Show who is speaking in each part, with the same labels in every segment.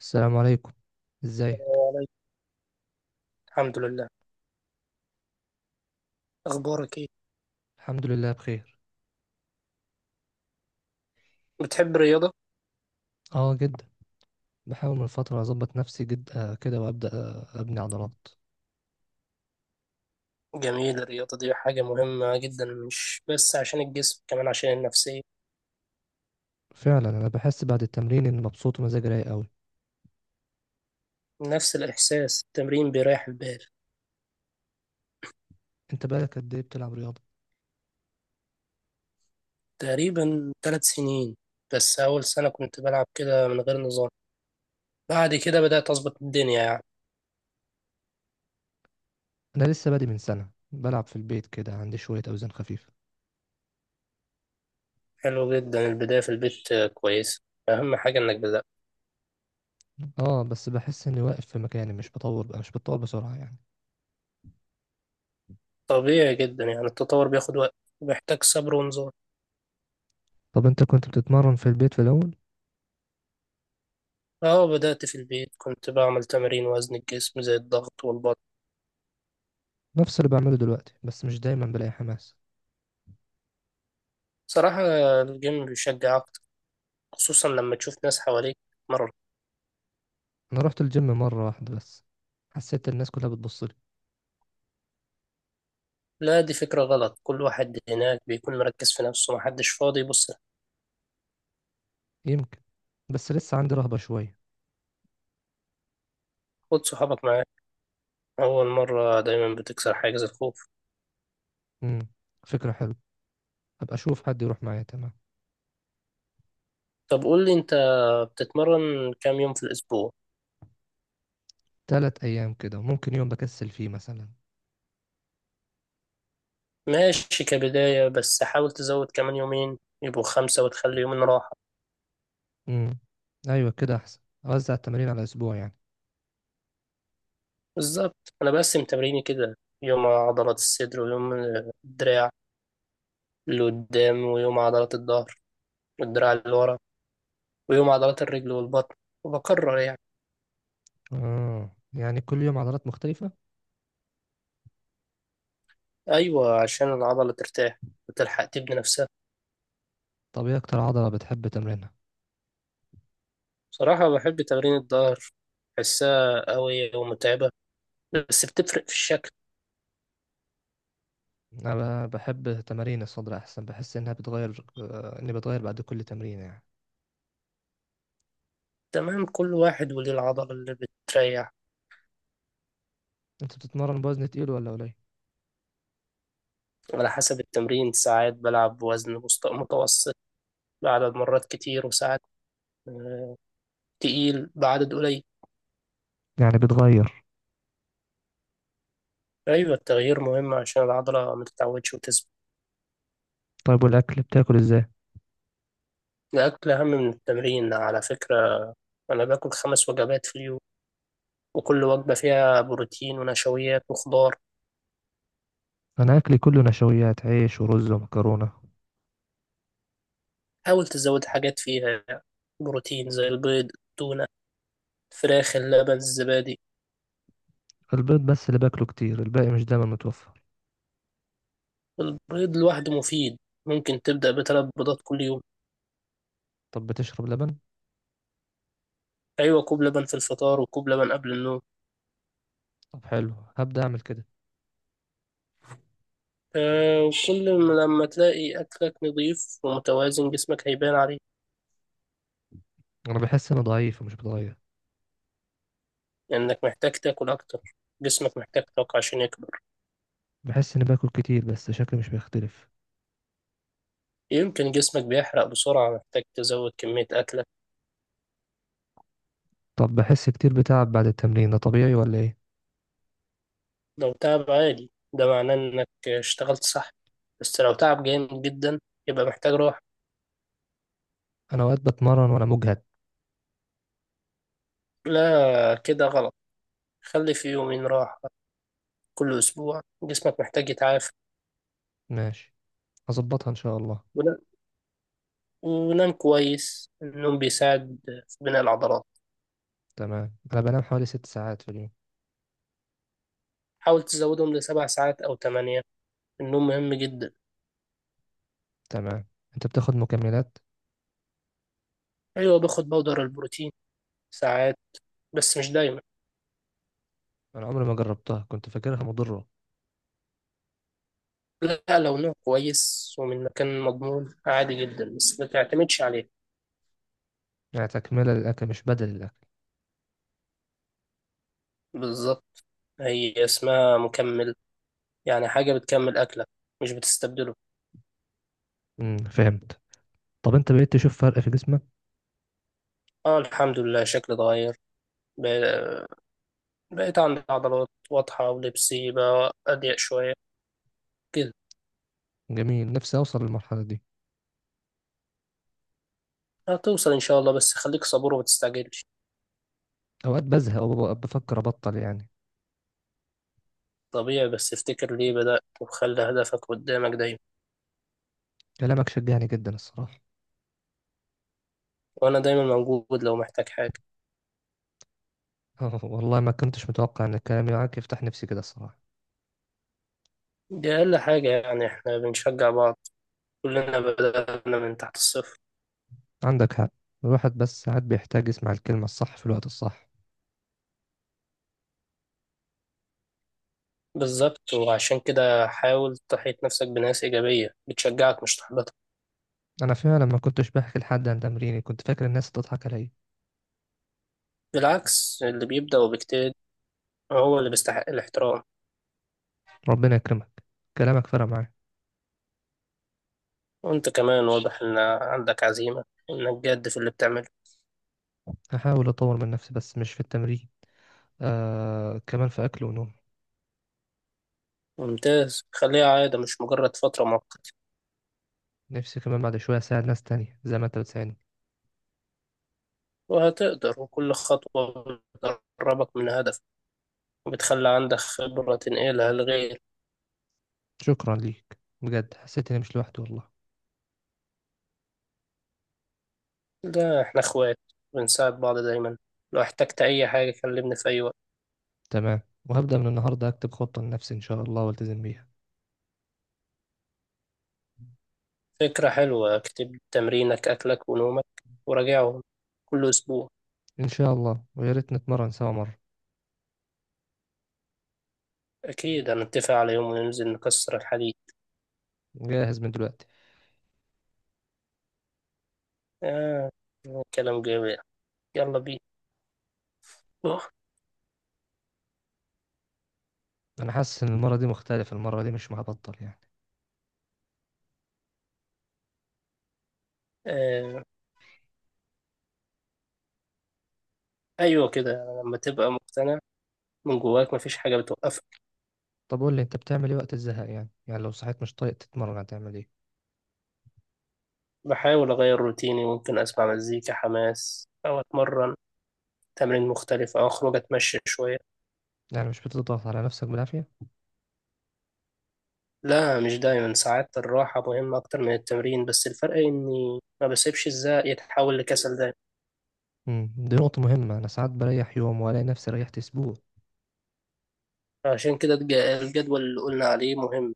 Speaker 1: السلام عليكم.
Speaker 2: السلام
Speaker 1: ازيك؟
Speaker 2: عليكم. الحمد لله. اخبارك ايه؟
Speaker 1: الحمد لله بخير.
Speaker 2: بتحب الرياضه؟
Speaker 1: اه، جدا. بحاول من فترة اظبط نفسي جدا كده وابدا ابني عضلات.
Speaker 2: جميل، الرياضه دي حاجه مهمه جدا، مش بس عشان الجسم، كمان عشان النفسيه.
Speaker 1: فعلا انا بحس بعد التمرين اني مبسوط ومزاجي رايق قوي.
Speaker 2: نفس الاحساس، التمرين بيريح البال.
Speaker 1: انت بقالك قد ايه بتلعب رياضة؟
Speaker 2: تقريبا 3 سنين. بس اول سنه كنت بلعب كده من غير نظام. بعد كده بدات اظبط الدنيا يعني.
Speaker 1: انا لسه بادئ من سنة، بلعب في البيت كده، عندي شوية اوزان خفيفة.
Speaker 2: حلو جدا، البدايه في البيت كويسه. اهم حاجه انك بدات.
Speaker 1: اه، بس بحس اني واقف في مكاني، مش بطور بقى مش بتطور بسرعة يعني.
Speaker 2: طبيعي جدا يعني، التطور بياخد وقت، وبيحتاج صبر ونظام.
Speaker 1: طب انت كنت بتتمرن في البيت في الاول؟
Speaker 2: اه، بدأت في البيت، كنت بعمل تمارين وزن الجسم زي الضغط والبطن.
Speaker 1: نفس اللي بعمله دلوقتي، بس مش دايما بلاقي حماس.
Speaker 2: صراحة، الجيم بيشجع أكتر، خصوصا لما تشوف ناس حواليك مرة.
Speaker 1: انا رحت الجيم مرة واحدة بس. حسيت الناس كلها بتبصلي.
Speaker 2: لا، دي فكرة غلط، كل واحد هناك بيكون مركز في نفسه، محدش فاضي يبص لك.
Speaker 1: يمكن، بس لسه عندي رهبة شوية.
Speaker 2: خد صحابك معاك، أول مرة دايما بتكسر حاجز الخوف.
Speaker 1: امم فكرة حلوة. هبقى اشوف حد يروح معايا. تمام.
Speaker 2: طب قول لي أنت، بتتمرن كام يوم في الأسبوع؟
Speaker 1: 3 ايام كده، ممكن يوم بكسل فيه مثلا.
Speaker 2: ماشي كبداية، بس حاول تزود كمان يومين يبقوا خمسة، وتخلي يومين راحة.
Speaker 1: امم، ايوه، كده احسن. اوزع التمارين على اسبوع يعني.
Speaker 2: بالظبط، أنا بقسم تمريني كده، يوم عضلات الصدر، ويوم الدراع اللي قدام، ويوم عضلات الظهر والدراع اللي ورا، ويوم عضلات الرجل والبطن، وبكرر يعني.
Speaker 1: اه، يعني كل يوم عضلات مختلفة.
Speaker 2: أيوة، عشان العضلة ترتاح وتلحق تبني نفسها.
Speaker 1: طب ايه اكتر عضلة بتحب تمرينها؟
Speaker 2: صراحة بحب تمرين الظهر، بحسها قوية ومتعبة، بس بتفرق في الشكل.
Speaker 1: انا بحب تمارين الصدر احسن، بحس انها بتغير آه، اني بتغير بعد كل تمرين يعني.
Speaker 2: تمام، كل واحد وليه العضلة اللي بتريح.
Speaker 1: انت بتتمرن بوزن تقيل ولا قليل؟
Speaker 2: على حسب التمرين، ساعات بلعب بوزن متوسط بعدد مرات كتير، وساعات آه، تقيل بعدد قليل.
Speaker 1: يعني بتغير.
Speaker 2: أيوة، التغيير مهم عشان العضلة ما تتعودش وتثبت.
Speaker 1: طيب، والاكل بتاكل ازاي؟
Speaker 2: الأكل أهم من التمرين على فكرة. أنا باكل خمس وجبات في اليوم، وكل وجبة فيها بروتين ونشويات وخضار.
Speaker 1: انا اكلي كله نشويات، عيش ورز ومكرونة.
Speaker 2: حاول تزود حاجات فيها يعني بروتين زي البيض، التونة، الفراخ، اللبن، الزبادي.
Speaker 1: البيض بس اللي باكله كتير، الباقي مش دايما متوفر.
Speaker 2: البيض لوحده مفيد، ممكن تبدأ بثلاث بيضات كل يوم.
Speaker 1: طب بتشرب لبن؟
Speaker 2: أيوة، كوب لبن في الفطار، وكوب لبن قبل النوم.
Speaker 1: طب حلو، هبدأ أعمل كده.
Speaker 2: آه، وكل لما تلاقي أكلك نظيف ومتوازن جسمك هيبان عليه.
Speaker 1: أنا بحس إني ضعيف ومش بتغير.
Speaker 2: لأنك محتاج تاكل أكتر، جسمك محتاج طاقة عشان يكبر.
Speaker 1: بحس إني باكل كتير بس شكلي مش بيختلف.
Speaker 2: يمكن جسمك بيحرق بسرعة، محتاج تزود كمية أكلك.
Speaker 1: طب بحس كتير بتعب بعد التمرين، ده طبيعي ولا إيه؟
Speaker 2: لو تعب عادي ده معناه انك اشتغلت صح، بس لو تعب جامد جدا يبقى محتاج راحة.
Speaker 1: أنا أوقات بتمرن وأنا مجهد.
Speaker 2: لا، كده غلط، خلي في يومين راحة كل أسبوع، جسمك محتاج يتعافى.
Speaker 1: ماشي، هظبطها إن شاء الله.
Speaker 2: ون- ونام كويس، النوم بيساعد في بناء العضلات.
Speaker 1: تمام، أنا بنام حوالي 6 ساعات في اليوم.
Speaker 2: حاول تزودهم ل7 ساعات أو 8، النوم مهم جدا.
Speaker 1: تمام. أنت بتاخد مكملات؟
Speaker 2: أيوة، باخد بودر البروتين ساعات، بس مش دايما.
Speaker 1: أنا عمري ما جربتها، كنت فاكرها مضرة.
Speaker 2: لا، لو نوم كويس ومن مكان مضمون عادي جدا، بس ما تعتمدش عليه.
Speaker 1: يعني تكملة للأكل مش بدل الأكل؟
Speaker 2: بالظبط، هي اسمها مكملة، يعني حاجة بتكمل أكلك مش بتستبدله.
Speaker 1: فهمت. طب أنت بقيت تشوف فرق في جسمك؟
Speaker 2: اه، الحمد لله شكلي اتغير، ب- بقيت عندي عضلات واضحة، ولبسي بقى أضيق شوية كده.
Speaker 1: جميل، نفسي أوصل للمرحلة دي.
Speaker 2: هتوصل إن شاء الله، بس خليك صبور وما تستعجلش.
Speaker 1: اوقات بزهق وببقى بفكر ابطل يعني.
Speaker 2: طبيعي، بس افتكر ليه بدأت وخلي هدفك قدامك دايما.
Speaker 1: كلامك شجعني جدا الصراحه.
Speaker 2: وأنا دايما موجود لو محتاج حاجة.
Speaker 1: والله ما كنتش متوقع ان كلامي معاك يفتح نفسي كده الصراحه.
Speaker 2: دي أقل حاجة يعني، إحنا بنشجع بعض، كلنا بدأنا من تحت الصفر.
Speaker 1: عندك حق. الواحد بس ساعات بيحتاج يسمع الكلمه الصح في الوقت الصح.
Speaker 2: بالظبط، وعشان كده حاول تحيط نفسك بناس إيجابية بتشجعك مش تحبطك.
Speaker 1: انا فعلا ما كنتش بحكي لحد عن تمريني، كنت فاكر الناس هتضحك عليا.
Speaker 2: بالعكس، اللي بيبدأ وبيجتهد هو اللي بيستحق الاحترام.
Speaker 1: ربنا يكرمك، كلامك فرق معايا.
Speaker 2: وانت كمان واضح ان عندك عزيمة، وانك جاد في اللي بتعمله.
Speaker 1: هحاول اطور من نفسي بس مش في التمرين، آه، كمان في اكل ونوم.
Speaker 2: ممتاز، خليها عادة مش مجرد فترة مؤقتة.
Speaker 1: نفسي كمان بعد شويه اساعد ناس تانية زي ما انت بتساعدني.
Speaker 2: وهتقدر، وكل خطوة بتقربك من هدف، وبتخلي عندك خبرة تنقلها لغير.
Speaker 1: شكرا ليك بجد، حسيت اني مش لوحدي والله.
Speaker 2: ده احنا اخوات، بنساعد بعض دايما، لو احتجت اي حاجة كلمني في اي وقت.
Speaker 1: تمام، وهبدأ من النهاردة أكتب خطة لنفسي إن شاء الله والتزم بيها.
Speaker 2: فكرة حلوة، اكتب تمرينك اكلك ونومك وراجعهم كل اسبوع.
Speaker 1: إن شاء الله، ويا ريت نتمرن سوا مرة.
Speaker 2: اكيد هنتفق على يوم وننزل نكسر الحديد.
Speaker 1: جاهز من دلوقتي.
Speaker 2: آه، كلام جميل، يلا بينا.
Speaker 1: أنا حاسس إن المرة دي مختلفة، المرة دي مش هبطل يعني.
Speaker 2: آه، أيوة كده، لما تبقى مقتنع من جواك مفيش حاجة بتوقفك.
Speaker 1: طب قول لي أنت، بتعمل إيه وقت الزهق؟ يعني لو صحيت مش طايق تتمرن هتعمل إيه؟
Speaker 2: بحاول أغير روتيني، ممكن أسمع مزيكا حماس أو أتمرن تمرين مختلف أو أخرج أتمشى شوية.
Speaker 1: يعني مش بتضغط على نفسك بالعافية؟
Speaker 2: لا، مش دايما، ساعات الراحة مهمة أكتر من التمرين، بس الفرق إني ما بسيبش الزهق يتحول لكسل دايما.
Speaker 1: دي نقطة مهمة، أنا ساعات بريح يوم وألاقي نفسي ريحت أسبوع.
Speaker 2: عشان كده الجدول اللي قلنا عليه مهم،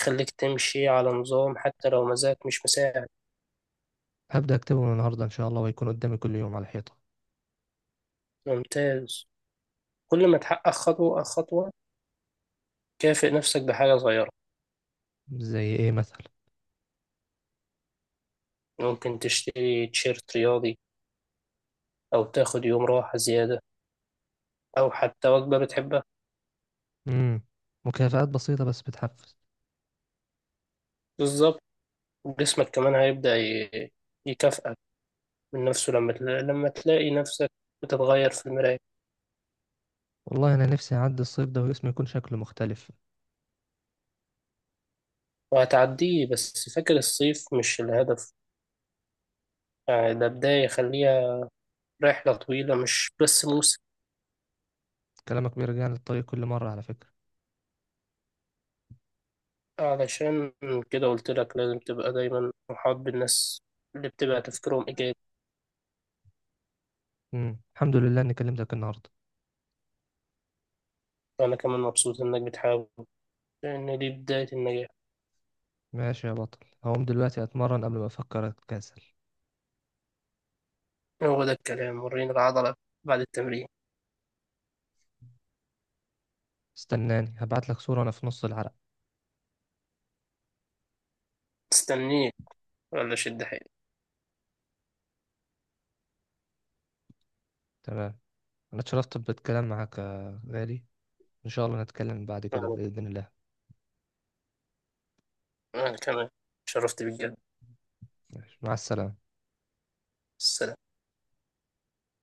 Speaker 2: يخليك تمشي على نظام حتى لو مزاجك مش مساعد.
Speaker 1: هبدأ أكتبه من النهاردة إن شاء الله، ويكون قدامي كل يوم على الحيطة.
Speaker 2: ممتاز، كل ما تحقق خطوة خطوة كافئ نفسك بحاجة صغيرة.
Speaker 1: زي إيه مثلا؟
Speaker 2: ممكن تشتري تيشيرت رياضي، أو تاخد يوم راحة زيادة، أو حتى وجبة بتحبها.
Speaker 1: امم مكافآت بسيطة بس بتحفز.
Speaker 2: بالظبط، جسمك كمان هيبدأ يكافئك من نفسه، لما لما تلاقي نفسك بتتغير في المراية.
Speaker 1: والله أنا نفسي أعدي الصيف ده وجسمي يكون شكله مختلف.
Speaker 2: وهتعديه، بس فاكر الصيف مش الهدف، يعني ده بداية، خليها رحلة طويلة مش بس موسم.
Speaker 1: كلامك بيرجعني للطريق كل مرة على فكرة.
Speaker 2: علشان كده قلت لك لازم تبقى دايما محاط بالناس اللي بتبقى تفكيرهم إيجابي.
Speaker 1: الحمد لله إني كلمتك النهاردة.
Speaker 2: وأنا كمان مبسوط إنك بتحاول، لأن دي بداية النجاح.
Speaker 1: ماشي يا بطل، هقوم دلوقتي أتمرن قبل ما أفكر أتكاسل.
Speaker 2: هو ده الكلام، وريني العضلة بعد التمرين.
Speaker 1: استناني، هبعتلك صورة أنا في نص العرق.
Speaker 2: استنيك، ولا شد حيلك.
Speaker 1: تمام. أنا اتشرفت بالكلام معاك يا غالي، إن شاء الله نتكلم بعد كده
Speaker 2: أنا
Speaker 1: بإذن الله.
Speaker 2: أنا كمان شرفت بالجد.
Speaker 1: ماشي. مع السلامة.
Speaker 2: السلام.